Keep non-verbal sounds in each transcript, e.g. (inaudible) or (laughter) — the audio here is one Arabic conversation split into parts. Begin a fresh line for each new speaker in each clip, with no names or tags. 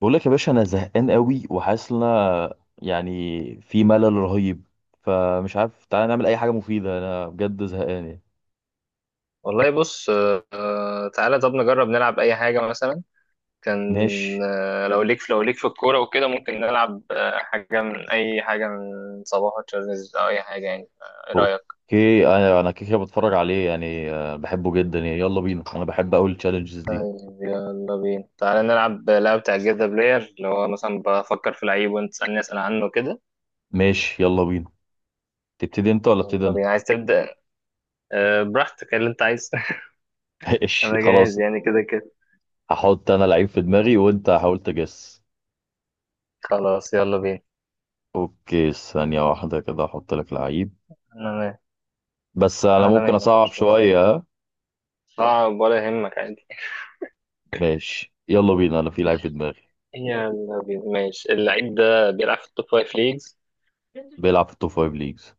بقول لك يا باشا انا زهقان قوي وحاسس ان أنا يعني في ملل رهيب. فمش عارف تعالى نعمل اي حاجه مفيده، انا بجد زهقان يعني.
والله بص. تعالى طب نجرب نلعب اي حاجه مثلا. كان
ماشي.
آه، لو ليك في الكوره وكده ممكن نلعب حاجه، من اي حاجه من صباح تشارلز او اي حاجه يعني ايه رايك؟
اوكي انا كده كده بتفرج عليه يعني، بحبه جدا يعني، يلا بينا، انا بحب اقول التشالنجز دي.
طيب يلا بينا، تعالى نلعب لعبه بتاع جيت ذا بلاير، اللي هو مثلا بفكر في لعيب وانت تسالني اسال عنه كده.
ماشي يلا بينا. تبتدي انت ولا ابتدي
يلا
انا؟
بينا، عايز تبدا؟ براحتك اللي انت عايز. (laughs)
(laughs) ماشي
انا جاهز
خلاص.
يعني كده كده.
هحط انا لعيب في دماغي وانت حاول تجس.
خلاص يلا بينا.
اوكي ثانيه واحده كده احط لك لعيب.
انا مه-
بس انا
انا
ممكن
مهلك
اصعب
اشوفك.
شويه ها؟
اه، ولا يهمك عادي.
ماشي يلا بينا، انا في لعيب في دماغي.
يلا بينا ماشي. اللعيب ده بيلعب في التوب فايف ليجز.
بيلعب في التوب فايف ليجز.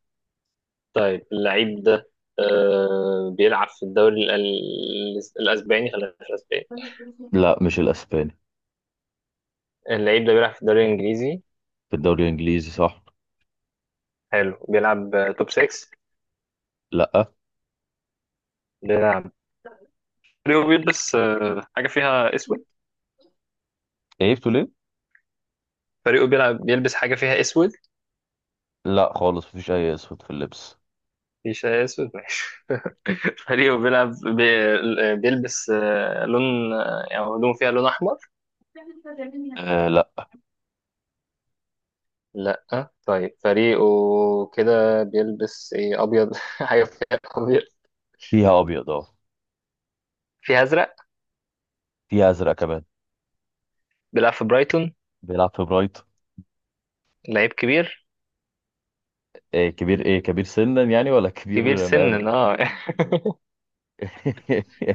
طيب اللعيب ده بيلعب في الدوري الأسباني، خلينا في الأسباني.
لا مش الاسباني.
اللعيب ده بيلعب في الدوري الإنجليزي.
في الدوري الانجليزي صح.
حلو، بيلعب توب 6.
لا،
بيلعب فريقه بيلبس حاجة فيها أسود.
عيبته ليه؟
فريقه بيلبس حاجة فيها أسود.
لا خالص مفيش اي اسود في اللبس.
مفيش أسود ماشي. (laughs) فريقه بيلبس آه لون آه، يعني هدومه فيها لون أحمر.
(laughs) آه لا.
لا. طيب فريقه كده بيلبس إيه، أبيض. (laughs) حاجة فيها أبيض،
فيها ابيض اه.
في أزرق.
فيها ازرق كمان.
بيلعب في برايتون.
بيلعب في برايت.
لعيب كبير.
آه كبير. ايه، كبير سنا يعني ولا
كبير
كبير مقامة؟
سنا اه.
(laughs)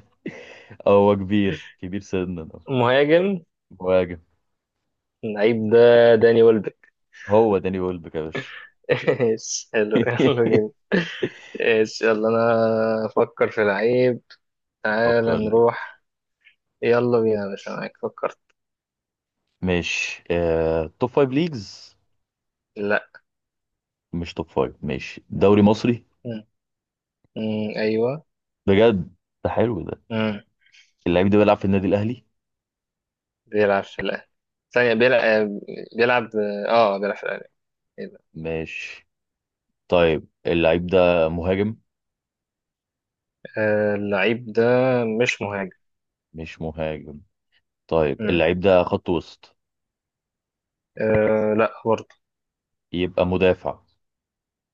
هو كبير، كبير سنا آه.
(laughs) مهاجم.
مهاجم.
اللعيب ده داني ويلبك.
هو داني ويلبك يا باشا.
(laughs) ايش حلو، يلا بينا.
(laughs)
ايش يلا، انا افكر في لعيب. تعالى
فكر لي.
نروح. يلا بينا يا باشا، معاك. فكرت؟
ماشي توب فايف ليجز.
لا.
مش توب فايف ماشي، دوري مصري.
مم. مم. ايوه.
بجد ده حلو ده.
مم.
اللعيب ده بيلعب في النادي الأهلي.
بيلعب في الاهلي. ثانية بيلعب بيلعب اه بيلعب. في الاهلي. إيه ده؟
ماشي. طيب اللعيب ده مهاجم.
اللعيب ده مش مهاجم.
مش مهاجم. طيب
مم.
اللعيب ده خط وسط.
لا برضه.
يبقى مدافع.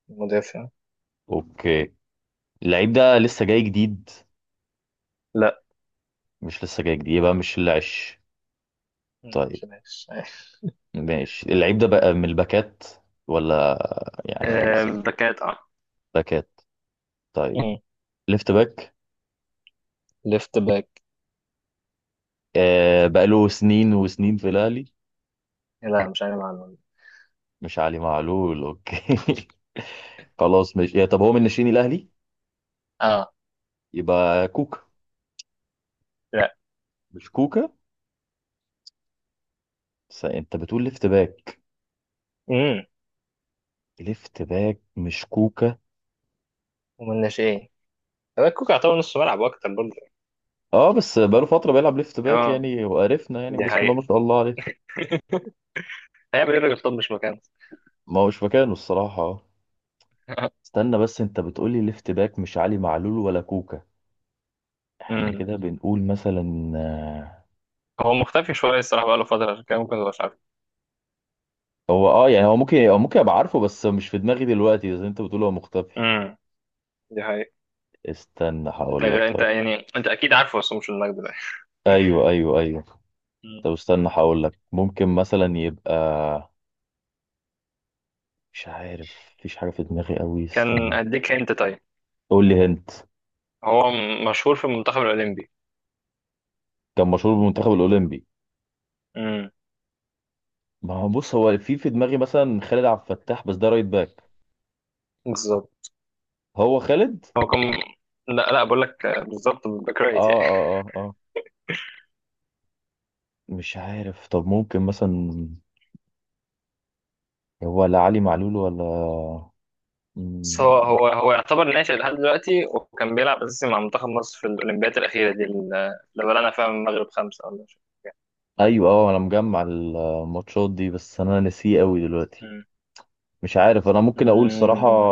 مدافع.
اوكي. اللعيب ده لسه جاي جديد.
لا،
مش لسه جاي جديد، يبقى مش العش.
لا،
طيب.
مش ماشي. (laughs)
ماشي اللعيب ده بقى من الباكات، ولا يعني
(laughs) الباكات اه.
باكات. طيب.
مم.
ليفت باك.
ليفت باك.
آه بقاله سنين وسنين في الأهلي.
لا، مش عارف عنه.
مش علي معلول اوكي. (laughs) خلاص ماشي، طب هو من ناشئين الأهلي؟
اه.
يبقى كوكا.
لا.
مش كوكا. انت بتقول ليفت باك.
امم
ليفت باك مش كوكا.
ومن الناشئين، باك كوكا يعتبر نص ملعب واكتر برضه.
اه بس بقاله فترة بيلعب ليفت باك
اه،
يعني، وعرفنا يعني
دي
بسم الله
حقيقة.
ما شاء الله عليه.
هيعمل ايه الراجل؟ طب مش مكانه.
ما هوش مكانه الصراحة آه.
(laughs)
استنى، بس انت بتقولي ليفت باك مش علي معلول ولا كوكا. احنا
امم
كده بنقول مثلا
هو مختفي شويه الصراحه، بقاله فتره عشان كده ممكن تبقاش عارف.
هو يعني هو ممكن، ممكن ابقى عارفه بس مش في دماغي دلوقتي، زي انت بتقول هو مختفي.
امم دي حقيقة.
استنى هقول لك
انت
طيب.
يعني انت اكيد عارفه، بس هو مش المجد ده.
ايوه ايوه ايوه.
مم.
طب استنى هقول لك، ممكن مثلا يبقى، مش عارف مفيش حاجة في دماغي قوي،
كان
استنى.
اديك انت، طيب.
قول لي هنت.
مشهور في المنتخب الاولمبي.
كان مشهور بالمنتخب الأولمبي.
امم
ما هو بص هو في دماغي مثلا خالد عبد الفتاح بس ده رايت باك.
بالظبط.
هو خالد.
هو كان. لا، لا، بقول لك بالظبط، باك رايت
اه
يعني.
اه اه اه مش عارف. طب ممكن مثلا، هو لا علي معلول ولا، مم،
بس هو يعتبر ناشئ لحد دلوقتي، وكان بيلعب اساسي مع منتخب مصر في الاولمبيات الاخيره دي اللي بلعنا فيها من المغرب خمسه ولا مش فاكر كام.
ايوه اه. انا مجمع الماتشات دي بس انا نسيه قوي دلوقتي.
مم.
مش عارف، انا ممكن اقول صراحة
مم.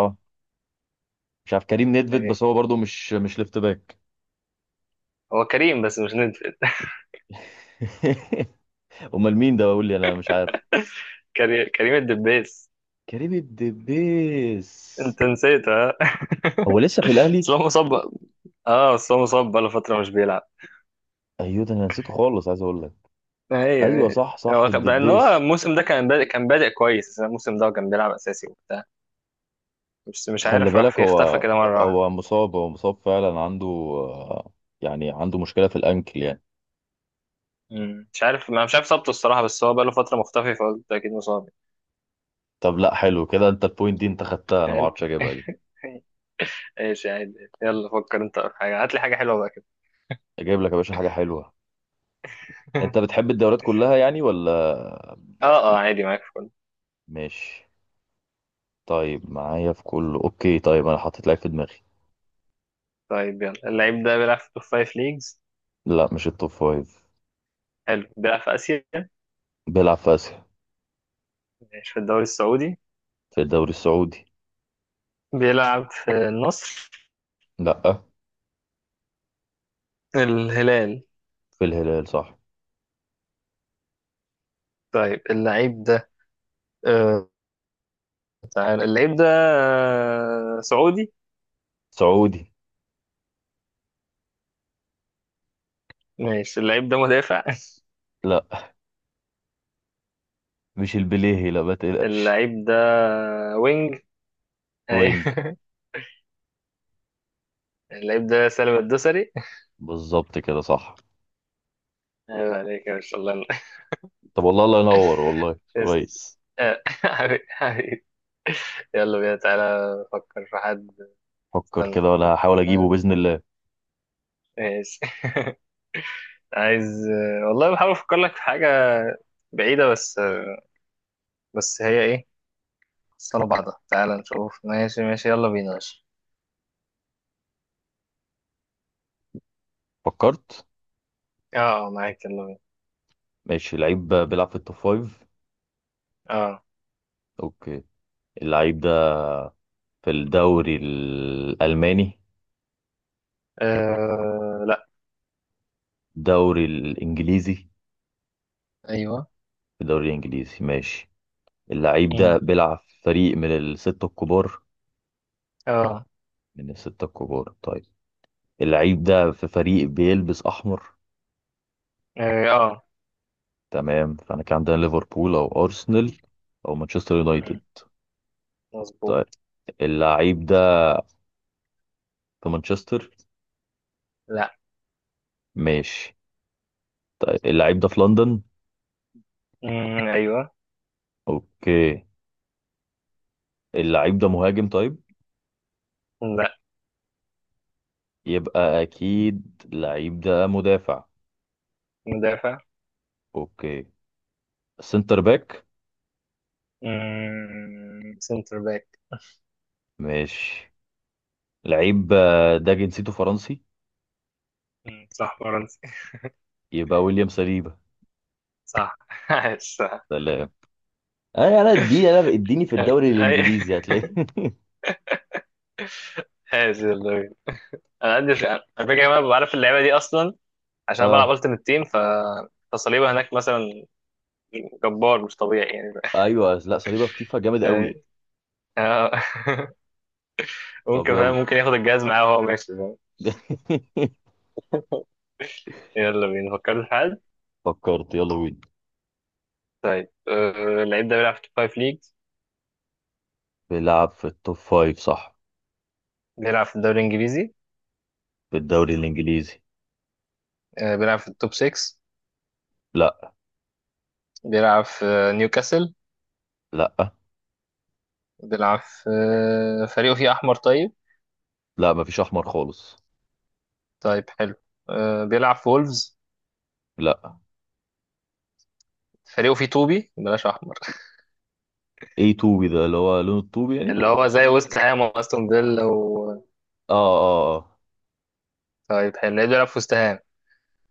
مش عارف كريم نيدفيد،
ايه.
بس هو برضو مش ليفت باك.
هو كريم، بس مش ندفد.
(laughs) امال مين ده؟ بقول لي انا مش عارف.
كريم الدبيس.
كريم الدبيس.
انت نسيت ها؟ (laughs)
هو لسه في الاهلي.
بس هو مصاب. اه، بس هو مصاب بقاله فتره مش بيلعب.
ايوه ده انا نسيته خالص عايز اقول لك.
ايوه
ايوه
ايوه.
صح صح،
بقى ان هو
الدبيس.
الموسم ده كان بادئ كويس، الموسم ده كان بيلعب اساسي وبتاع. بس مش
خلي
عارف راح
بالك
فيه، اختفى
هو،
كده مره واحدة.
هو مصاب فعلا، عنده يعني عنده مشكله في الانكل يعني.
مم. مش عارف، انا مش عارف اصابته الصراحه، بس هو بقاله فتره مختفي، فقلت اكيد مصاب.
طب لا حلو كده، انت البوينت دي انت خدتها، انا ما
يعني.
اعرفش اجيبها دي.
(laughs) ايش يا عادي، يلا فكر انت في حاجه، هات لي حاجه حلوه بقى كده.
اجيب لك يا باشا حاجه حلوه. انت
(laughs)
بتحب الدوريات كلها يعني ولا؟
اه. اه عادي، معاك في كله.
ماشي. طيب معايا في كله اوكي. طيب انا حطيت لعيب في دماغي.
طيب يلا، اللعيب ده بيلعب في توب فايف ليجز.
لا مش التوب فايف.
حلو، بيلعب في اسيا.
بيلعب في اسيا.
مش في الدوري السعودي.
في الدوري السعودي.
بيلعب في النصر.
لا.
الهلال.
في الهلال صح.
طيب اللعيب ده. آه تعال اللعيب ده سعودي.
سعودي.
ماشي، اللعيب ده مدافع.
لا مش البليهي، لا ما
(laughs)
تقلقش.
اللعيب ده وينج. أي.
وينج.
(laughs) اللعيب ده سالم الدوسري.
بالظبط كده صح.
عيب عليك يا باشا، الله.
طب والله، الله ينور، والله
يس-
كويس.
آه، (laughs) حبيبي حبيبي. يلا بينا، تعالى فكر في حد.
فكر
استنى
كده
افكر
ولا
لك في
هحاول اجيبه
حد.
باذن الله.
ماشي. (laughs) عايز والله بحاول افكر لك في حاجة بعيدة، بس هي ايه. صلى بعضها تعالى نشوف، ماشي ماشي يلا بينا ماشي.
فكرت.
اه معاك يلا بينا.
ماشي. لعيب بيلعب في التوب فايف.
اه.
اوكي. اللعيب ده في الدوري الالماني.
لا.
الدوري الانجليزي.
ايوه.
في الدوري الانجليزي ماشي. اللعيب
مم.
ده بيلعب في فريق من الستة الكبار.
اه.
من الستة الكبار طيب. اللعيب ده في فريق بيلبس احمر.
اه. آه.
تمام، فاحنا كان عندنا ليفربول او ارسنال او مانشستر يونايتد.
مم. مظبوط.
طيب اللعيب ده في مانشستر.
لا.
ماشي. طيب اللعيب ده في لندن.
مم. ايوه.
اوكي. اللعيب ده مهاجم طيب.
لا.
يبقى اكيد اللعيب ده مدافع.
مدافع.
اوكي. سنتر باك.
مم. سنتر باك.
ماشي. لعيب ده جنسيته فرنسي.
مم، صح فرنسي.
يبقى ويليام سليبا.
صح. (laughs) عايش صح.
سلام. انا اديني، اديني في
اي،
الدوري الانجليزي هتلاقي. (laughs)
عايش والله. انا عندي الفكره كمان، بعرف اللعبه دي اصلا، عشان أنا بلعب
اه.
التيمت تيم، ف فصليبه هناك مثلا جبار مش طبيعي يعني. (laughs)
ايوه لا، صليبا في فيفا جامد قوي.
يعني- آه. (laughs)
طب
ممكن،
يلا.
فاهم؟ ممكن ياخد الجهاز معاه وهو ماشي، فاهم؟
(laughs)
يلا بينا، فكرت في حد؟
فكرت يلا بينا.
طيب اللعيب ده بيلعب في التوب فايف ليجز.
بيلعب في التوب فايف صح.
بيلعب في الدوري الانجليزي.
في الدوري الانجليزي.
بيلعب في التوب 6.
لا
بيلعب في نيوكاسل.
لا
بيلعب في آه، فريقه فيه احمر، طيب.
لا مفيش احمر خالص.
طيب حلو، بيلعب في وولفز.
لا.
فريقه فيه طوبي بلاش احمر.
ايه توبي ده، اللي هو لون الطوبي يعني.
اللي هو زي وست هام واستون فيلا و.
اه اه اه.
طيب حلو، ليه بيلعب في وست هام؟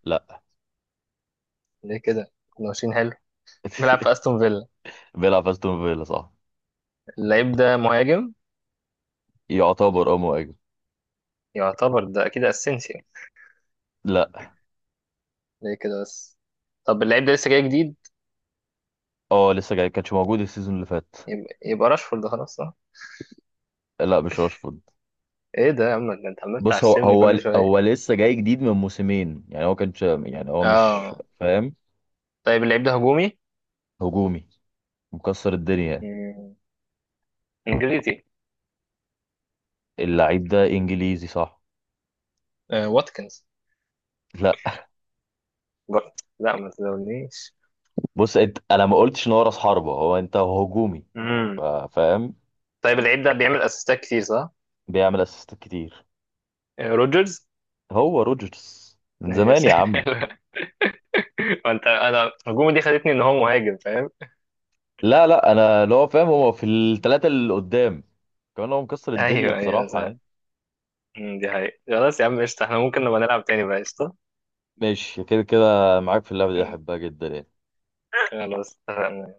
لا.
ليه كده؟ كنا ماشيين حلو. بيلعب في استون فيلا.
بيلعب في استون فيلا صح.
اللعيب ده مهاجم.
يعتبر اه مهاجم.
يعتبر ده اكيد اسينسيو.
لا.
ليه كده بس؟ طب اللعيب ده لسه جاي جديد.
اه لسه جاي، كانش موجود السيزون اللي فات.
يبقى راشفورد خلاص، صح.
لا مش راشفورد.
ايه ده يا عم؟ ده انت عمال
بص هو
تعشمني
هو
كل شويه.
هو لسه جاي جديد من موسمين يعني، هو كانش يعني هو مش
اه.
فاهم.
طيب اللعيب ده هجومي.
هجومي. مكسر الدنيا.
مم، انجليزي.
اللعيب ده انجليزي صح.
واتكنز.
لا.
برضه. لا، ما تزولنيش.
بص انت، انا ما قلتش ان هو راس حربة، هو انت هجومي.
امم
فاهم.
طيب اللعيب ده بيعمل اسيستات كتير، صح.
بيعمل اسيستات كتير.
روجرز.
هو روجرز من زمان
ماشي.
يا عم.
(laughs) انت، انا الهجوم دي خدتني ان هو مهاجم، فاهم.
لا لا انا اللي هو فاهم، هو في الثلاثة اللي قدام كمان، هو مكسر الدنيا
ايوه ايوه
بصراحة
صح.
يعني.
دي حقيقة. خلاص يا عم قشطة، احنا ممكن نبقى نلعب تاني بقى، قشطة.
ماشي كده كده معاك في اللعبة دي،
يعني.
احبها جدا يعني.
خلاص اتفقنا.